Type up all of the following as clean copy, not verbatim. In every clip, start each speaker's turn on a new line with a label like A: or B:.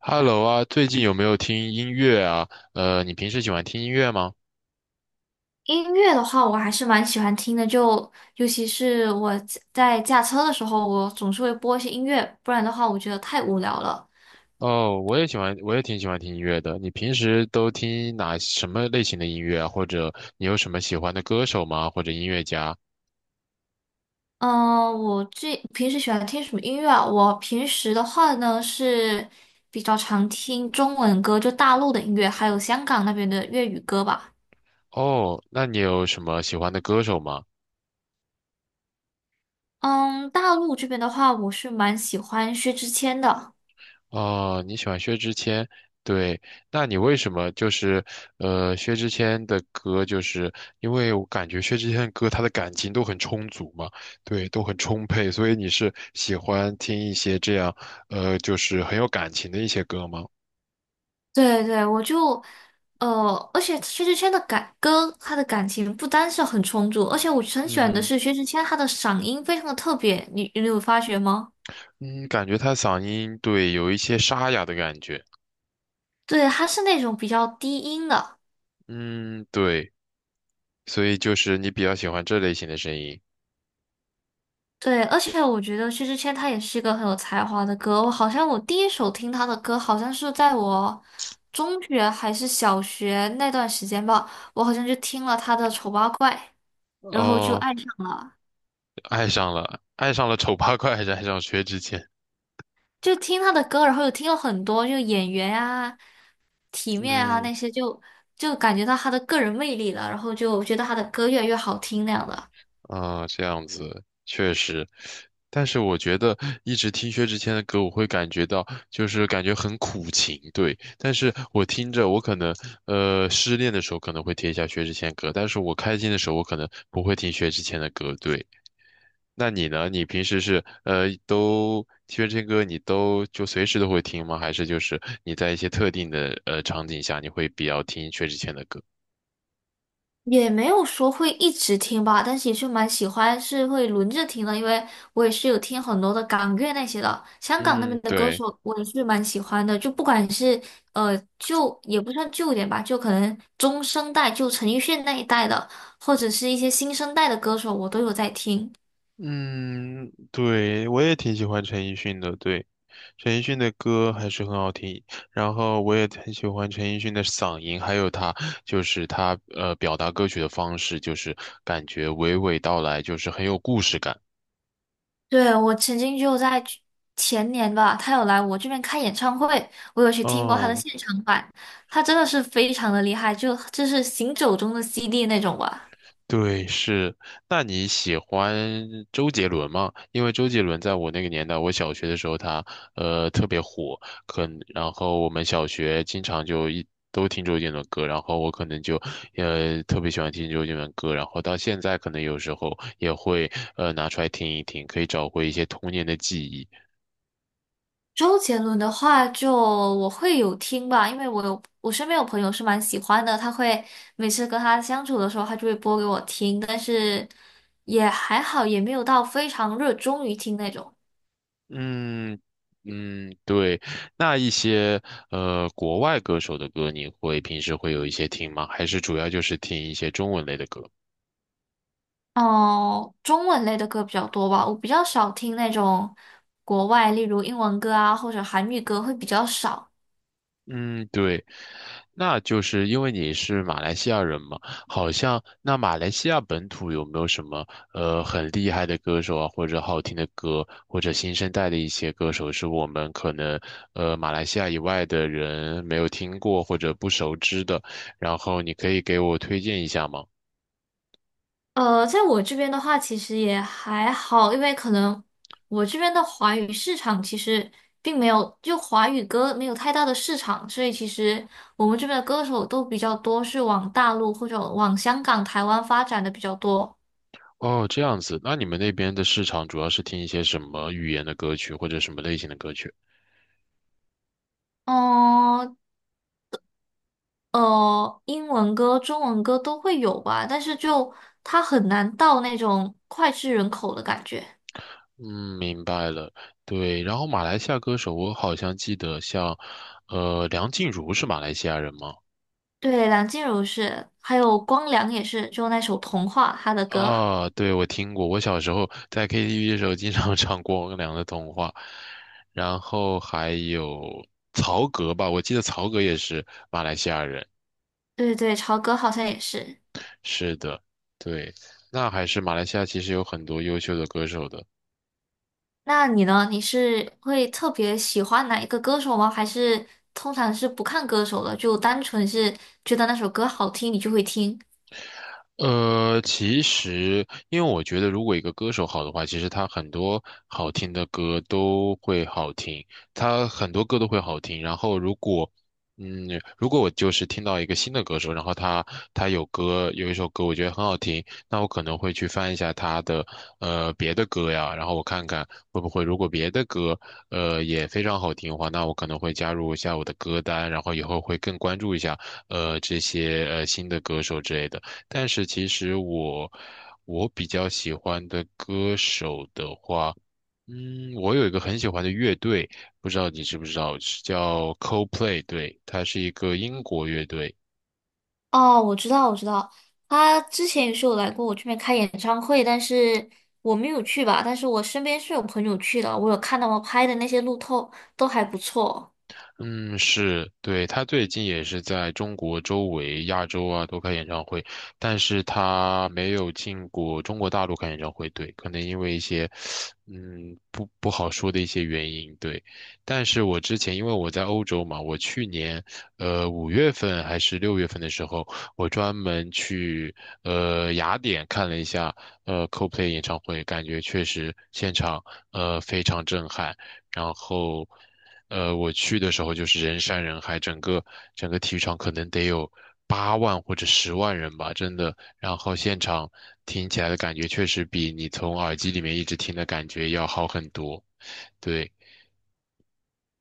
A: Hello 啊，最近有没有听音乐啊？你平时喜欢听音乐吗？
B: 音乐的话，我还是蛮喜欢听的，就尤其是我在驾车的时候，我总是会播一些音乐，不然的话，我觉得太无聊了。
A: 哦，我也喜欢，我也挺喜欢听音乐的。你平时都听哪什么类型的音乐啊？或者你有什么喜欢的歌手吗？或者音乐家？
B: 嗯、我最平时喜欢听什么音乐啊？我平时的话呢是比较常听中文歌，就大陆的音乐，还有香港那边的粤语歌吧。
A: 哦，那你有什么喜欢的歌手吗？
B: 嗯，大陆这边的话，我是蛮喜欢薛之谦的。
A: 哦，你喜欢薛之谦，对，那你为什么就是薛之谦的歌，就是因为我感觉薛之谦的歌他的感情都很充足嘛，对，都很充沛，所以你是喜欢听一些这样就是很有感情的一些歌吗？
B: 对对，我就，而且薛之谦的感歌，他的感情不单是很充足，而且我很喜欢的
A: 嗯
B: 是薛之谦，他的嗓音非常的特别，你有发觉吗？
A: 嗯，感觉他嗓音对有一些沙哑的感觉，
B: 对，他是那种比较低音的。
A: 嗯对，所以就是你比较喜欢这类型的声音，
B: 对，而且我觉得薛之谦他也是一个很有才华的歌，我好像我第一首听他的歌，好像是在我中学还是小学那段时间吧，我好像就听了他的《丑八怪》，然后就
A: 哦，
B: 爱上了，
A: 爱上了，爱上了丑八怪，还是爱上薛之谦？
B: 就听他的歌，然后又听了很多，就演员啊。体面啊
A: 嗯。
B: 那些就，就感觉到他的个人魅力了，然后就觉得他的歌越来越好听那样的。
A: 啊，这样子确实，但是我觉得一直听薛之谦的歌，我会感觉到就是感觉很苦情，对。但是我听着，我可能失恋的时候可能会听一下薛之谦歌，但是我开心的时候我可能不会听薛之谦的歌，对。那你呢？你平时是都薛之谦歌你都就随时都会听吗？还是就是你在一些特定的场景下你会比较听薛之谦的歌？
B: 也没有说会一直听吧，但是也是蛮喜欢，是会轮着听的，因为我也是有听很多的港乐那些的，香港那
A: 嗯，
B: 边的歌
A: 对。
B: 手我也是蛮喜欢的，就不管是旧也不算旧一点吧，就可能中生代，就陈奕迅那一代的，或者是一些新生代的歌手，我都有在听。
A: 嗯，对，我也挺喜欢陈奕迅的，对，陈奕迅的歌还是很好听，然后我也很喜欢陈奕迅的嗓音，还有他就是他表达歌曲的方式，就是感觉娓娓道来，就是很有故事感。
B: 对，我曾经就在去前年吧，他有来我这边开演唱会，我有去听过他的
A: 哦。
B: 现场版，他真的是非常的厉害，就是行走中的 CD 那种吧。
A: 对，是。那你喜欢周杰伦吗？因为周杰伦在我那个年代，我小学的时候他特别火，可能然后我们小学经常就一都听周杰伦歌，然后我可能就特别喜欢听周杰伦歌，然后到现在可能有时候也会拿出来听一听，可以找回一些童年的记忆。
B: 周杰伦的话就我会有听吧，因为我身边有朋友是蛮喜欢的，他会每次跟他相处的时候，他就会播给我听，但是也还好，也没有到非常热衷于听那种。
A: 嗯嗯，对。那一些国外歌手的歌，你会平时会有一些听吗？还是主要就是听一些中文类的歌？
B: 哦，中文类的歌比较多吧，我比较少听那种国外，例如英文歌啊，或者韩语歌会比较少。
A: 嗯，对，那就是因为你是马来西亚人嘛，好像那马来西亚本土有没有什么很厉害的歌手啊，或者好听的歌，或者新生代的一些歌手，是我们可能马来西亚以外的人没有听过或者不熟知的，然后你可以给我推荐一下吗？
B: 在我这边的话，其实也还好，因为可能我这边的华语市场其实并没有，就华语歌没有太大的市场，所以其实我们这边的歌手都比较多是往大陆或者往香港、台湾发展的比较多。
A: 哦，这样子，那你们那边的市场主要是听一些什么语言的歌曲，或者什么类型的歌曲？
B: 哦，英文歌、中文歌都会有吧，但是就它很难到那种脍炙人口的感觉。
A: 嗯，明白了。对，然后马来西亚歌手，我好像记得像，梁静茹是马来西亚人吗？
B: 对，梁静茹是，还有光良也是，就那首《童话》他的歌。
A: 啊，对，我听过。我小时候在 KTV 的时候经常 唱《光良的童话》，然后还有曹格吧，我记得曹格也是马来西亚人。
B: 对对，潮歌好像也是。
A: 是的，对，那还是马来西亚其实有很多优秀的歌手的。
B: 那你呢？你是会特别喜欢哪一个歌手吗？还是通常是不看歌手的，就单纯是觉得那首歌好听，你就会听？
A: 其实，因为我觉得，如果一个歌手好的话，其实他很多好听的歌都会好听，他很多歌都会好听。然后，如果，嗯，如果我就是听到一个新的歌手，然后他有一首歌我觉得很好听，那我可能会去翻一下他的别的歌呀，然后我看看会不会，如果别的歌也非常好听的话，那我可能会加入一下我的歌单，然后以后会更关注一下这些新的歌手之类的。但是其实我比较喜欢的歌手的话，嗯，我有一个很喜欢的乐队，不知道你知不知道，是叫 Coldplay，对，它是一个英国乐队。
B: 哦，我知道，我知道，他之前也是有来过我这边开演唱会，但是我没有去吧。但是我身边是有朋友去的，我有看到我拍的那些路透都还不错。
A: 嗯，是，对，他最近也是在中国周围、亚洲啊都开演唱会，但是他没有进过中国大陆开演唱会，对，可能因为一些，嗯，不好说的一些原因，对。但是我之前因为我在欧洲嘛，我去年，5月份还是6月份的时候，我专门去，雅典看了一下，Coldplay 演唱会，感觉确实现场，非常震撼，然后。我去的时候就是人山人海，整个体育场可能得有8万或者10万人吧，真的。然后现场听起来的感觉确实比你从耳机里面一直听的感觉要好很多。对，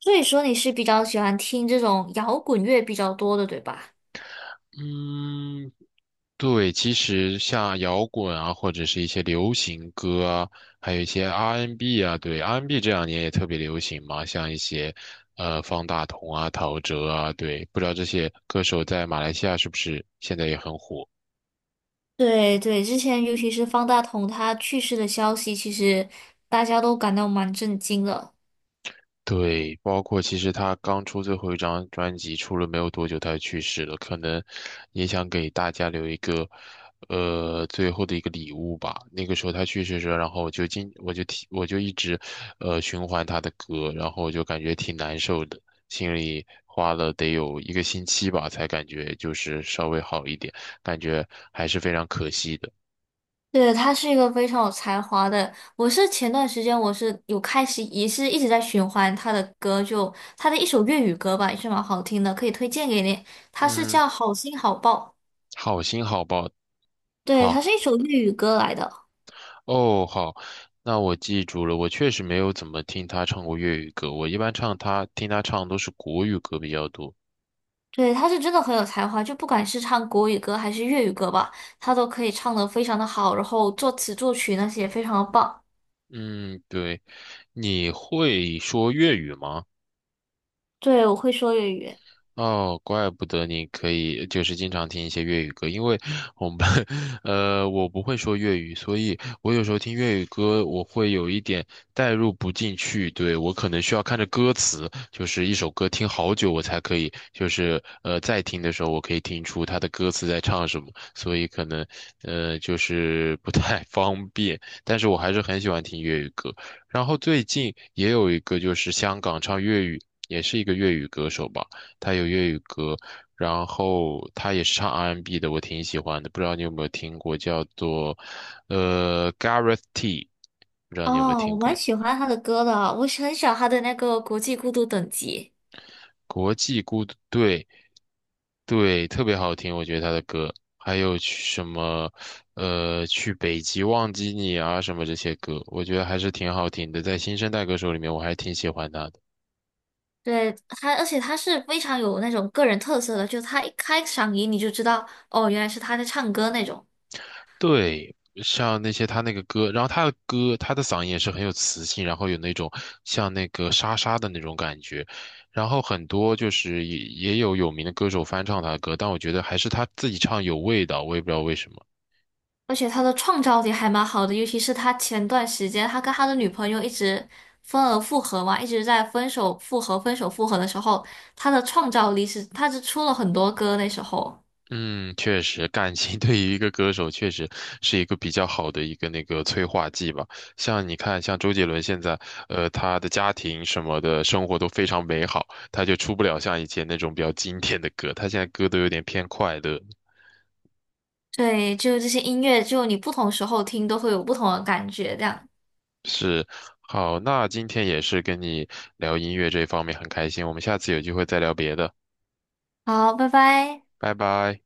B: 所以说你是比较喜欢听这种摇滚乐比较多的，对吧？
A: 嗯，对，其实像摇滚啊，或者是一些流行歌啊，还有一些 R&B n 啊，对，R&B n 这2年也特别流行嘛，像一些方大同啊、陶喆啊，对，不知道这些歌手在马来西亚是不是现在也很火。
B: 对对，之前尤其是方大同他去世的消息，其实大家都感到蛮震惊的。
A: 对，包括其实他刚出最后一张专辑出了没有多久，他就去世了，可能也想给大家留一个，最后的一个礼物吧。那个时候他去世的时候，然后我就一直，循环他的歌，然后我就感觉挺难受的，心里花了得有一个星期吧，才感觉就是稍微好一点，感觉还是非常可惜的。
B: 对，他是一个非常有才华的。我是前段时间我是有开始也是一直在循环他的歌，就他的一首粤语歌吧，也是蛮好听的，可以推荐给你。他是
A: 嗯，
B: 叫《好心好报》，
A: 好心好报，
B: 对，他
A: 好。
B: 是一首粤语歌来的。
A: 哦，好，那我记住了。我确实没有怎么听他唱过粤语歌，我一般唱他听他唱都是国语歌比较多。
B: 对，他是真的很有才华，就不管是唱国语歌还是粤语歌吧，他都可以唱的非常的好，然后作词作曲那些也非常的棒。
A: 嗯，对，你会说粤语吗？
B: 对，我会说粤语。
A: 哦，怪不得你可以就是经常听一些粤语歌，因为我们班，我不会说粤语，所以我有时候听粤语歌，我会有一点代入不进去，对，我可能需要看着歌词，就是一首歌听好久我才可以，就是在听的时候我可以听出他的歌词在唱什么，所以可能就是不太 方便，但是我还是很喜欢听粤语歌。然后最近也有一个就是香港唱粤语，也是一个粤语歌手吧。他有粤语歌，然后他也是唱 R&B 的，我挺喜欢的。不知道你有没有听过，叫做Gareth T，不知道你有没有
B: 哦，
A: 听
B: 我蛮
A: 过？
B: 喜欢他的歌的，我是很喜欢他的那个《国际孤独等级》。
A: 国际孤独队，对对，特别好听，我觉得他的歌。还有去什么去北极忘记你啊什么这些歌，我觉得还是挺好听的。在新生代歌手里面，我还挺喜欢他的。
B: 对他，而且他是非常有那种个人特色的，就他一开嗓音你就知道，哦，原来是他在唱歌那种。
A: 对，像那些他那个歌，然后他的歌，他的嗓音也是很有磁性，然后有那种像那个沙沙的那种感觉，然后很多就是也有名的歌手翻唱他的歌，但我觉得还是他自己唱有味道，我也不知道为什么。
B: 而且他的创造力还蛮好的，尤其是他前段时间他跟他的女朋友一直分而复合嘛，一直在分手复合、分手复合的时候，他的创造力是他是出了很多歌那时候。
A: 嗯，确实，感情 对于一个歌手确实是一个比较好的一个那个催化剂吧。像你看，像周杰伦现在，他的家庭什么的生活都非常美好，他就出不了像以前那种比较经典的歌，他现在歌都有点偏快乐。
B: 对，就这些音乐，就你不同时候听都会有不同的感觉，这样。
A: 是，好，那今天也是跟你聊音乐这方面很开心，我们下次有机会再聊别的，
B: 好，拜拜。
A: 拜拜。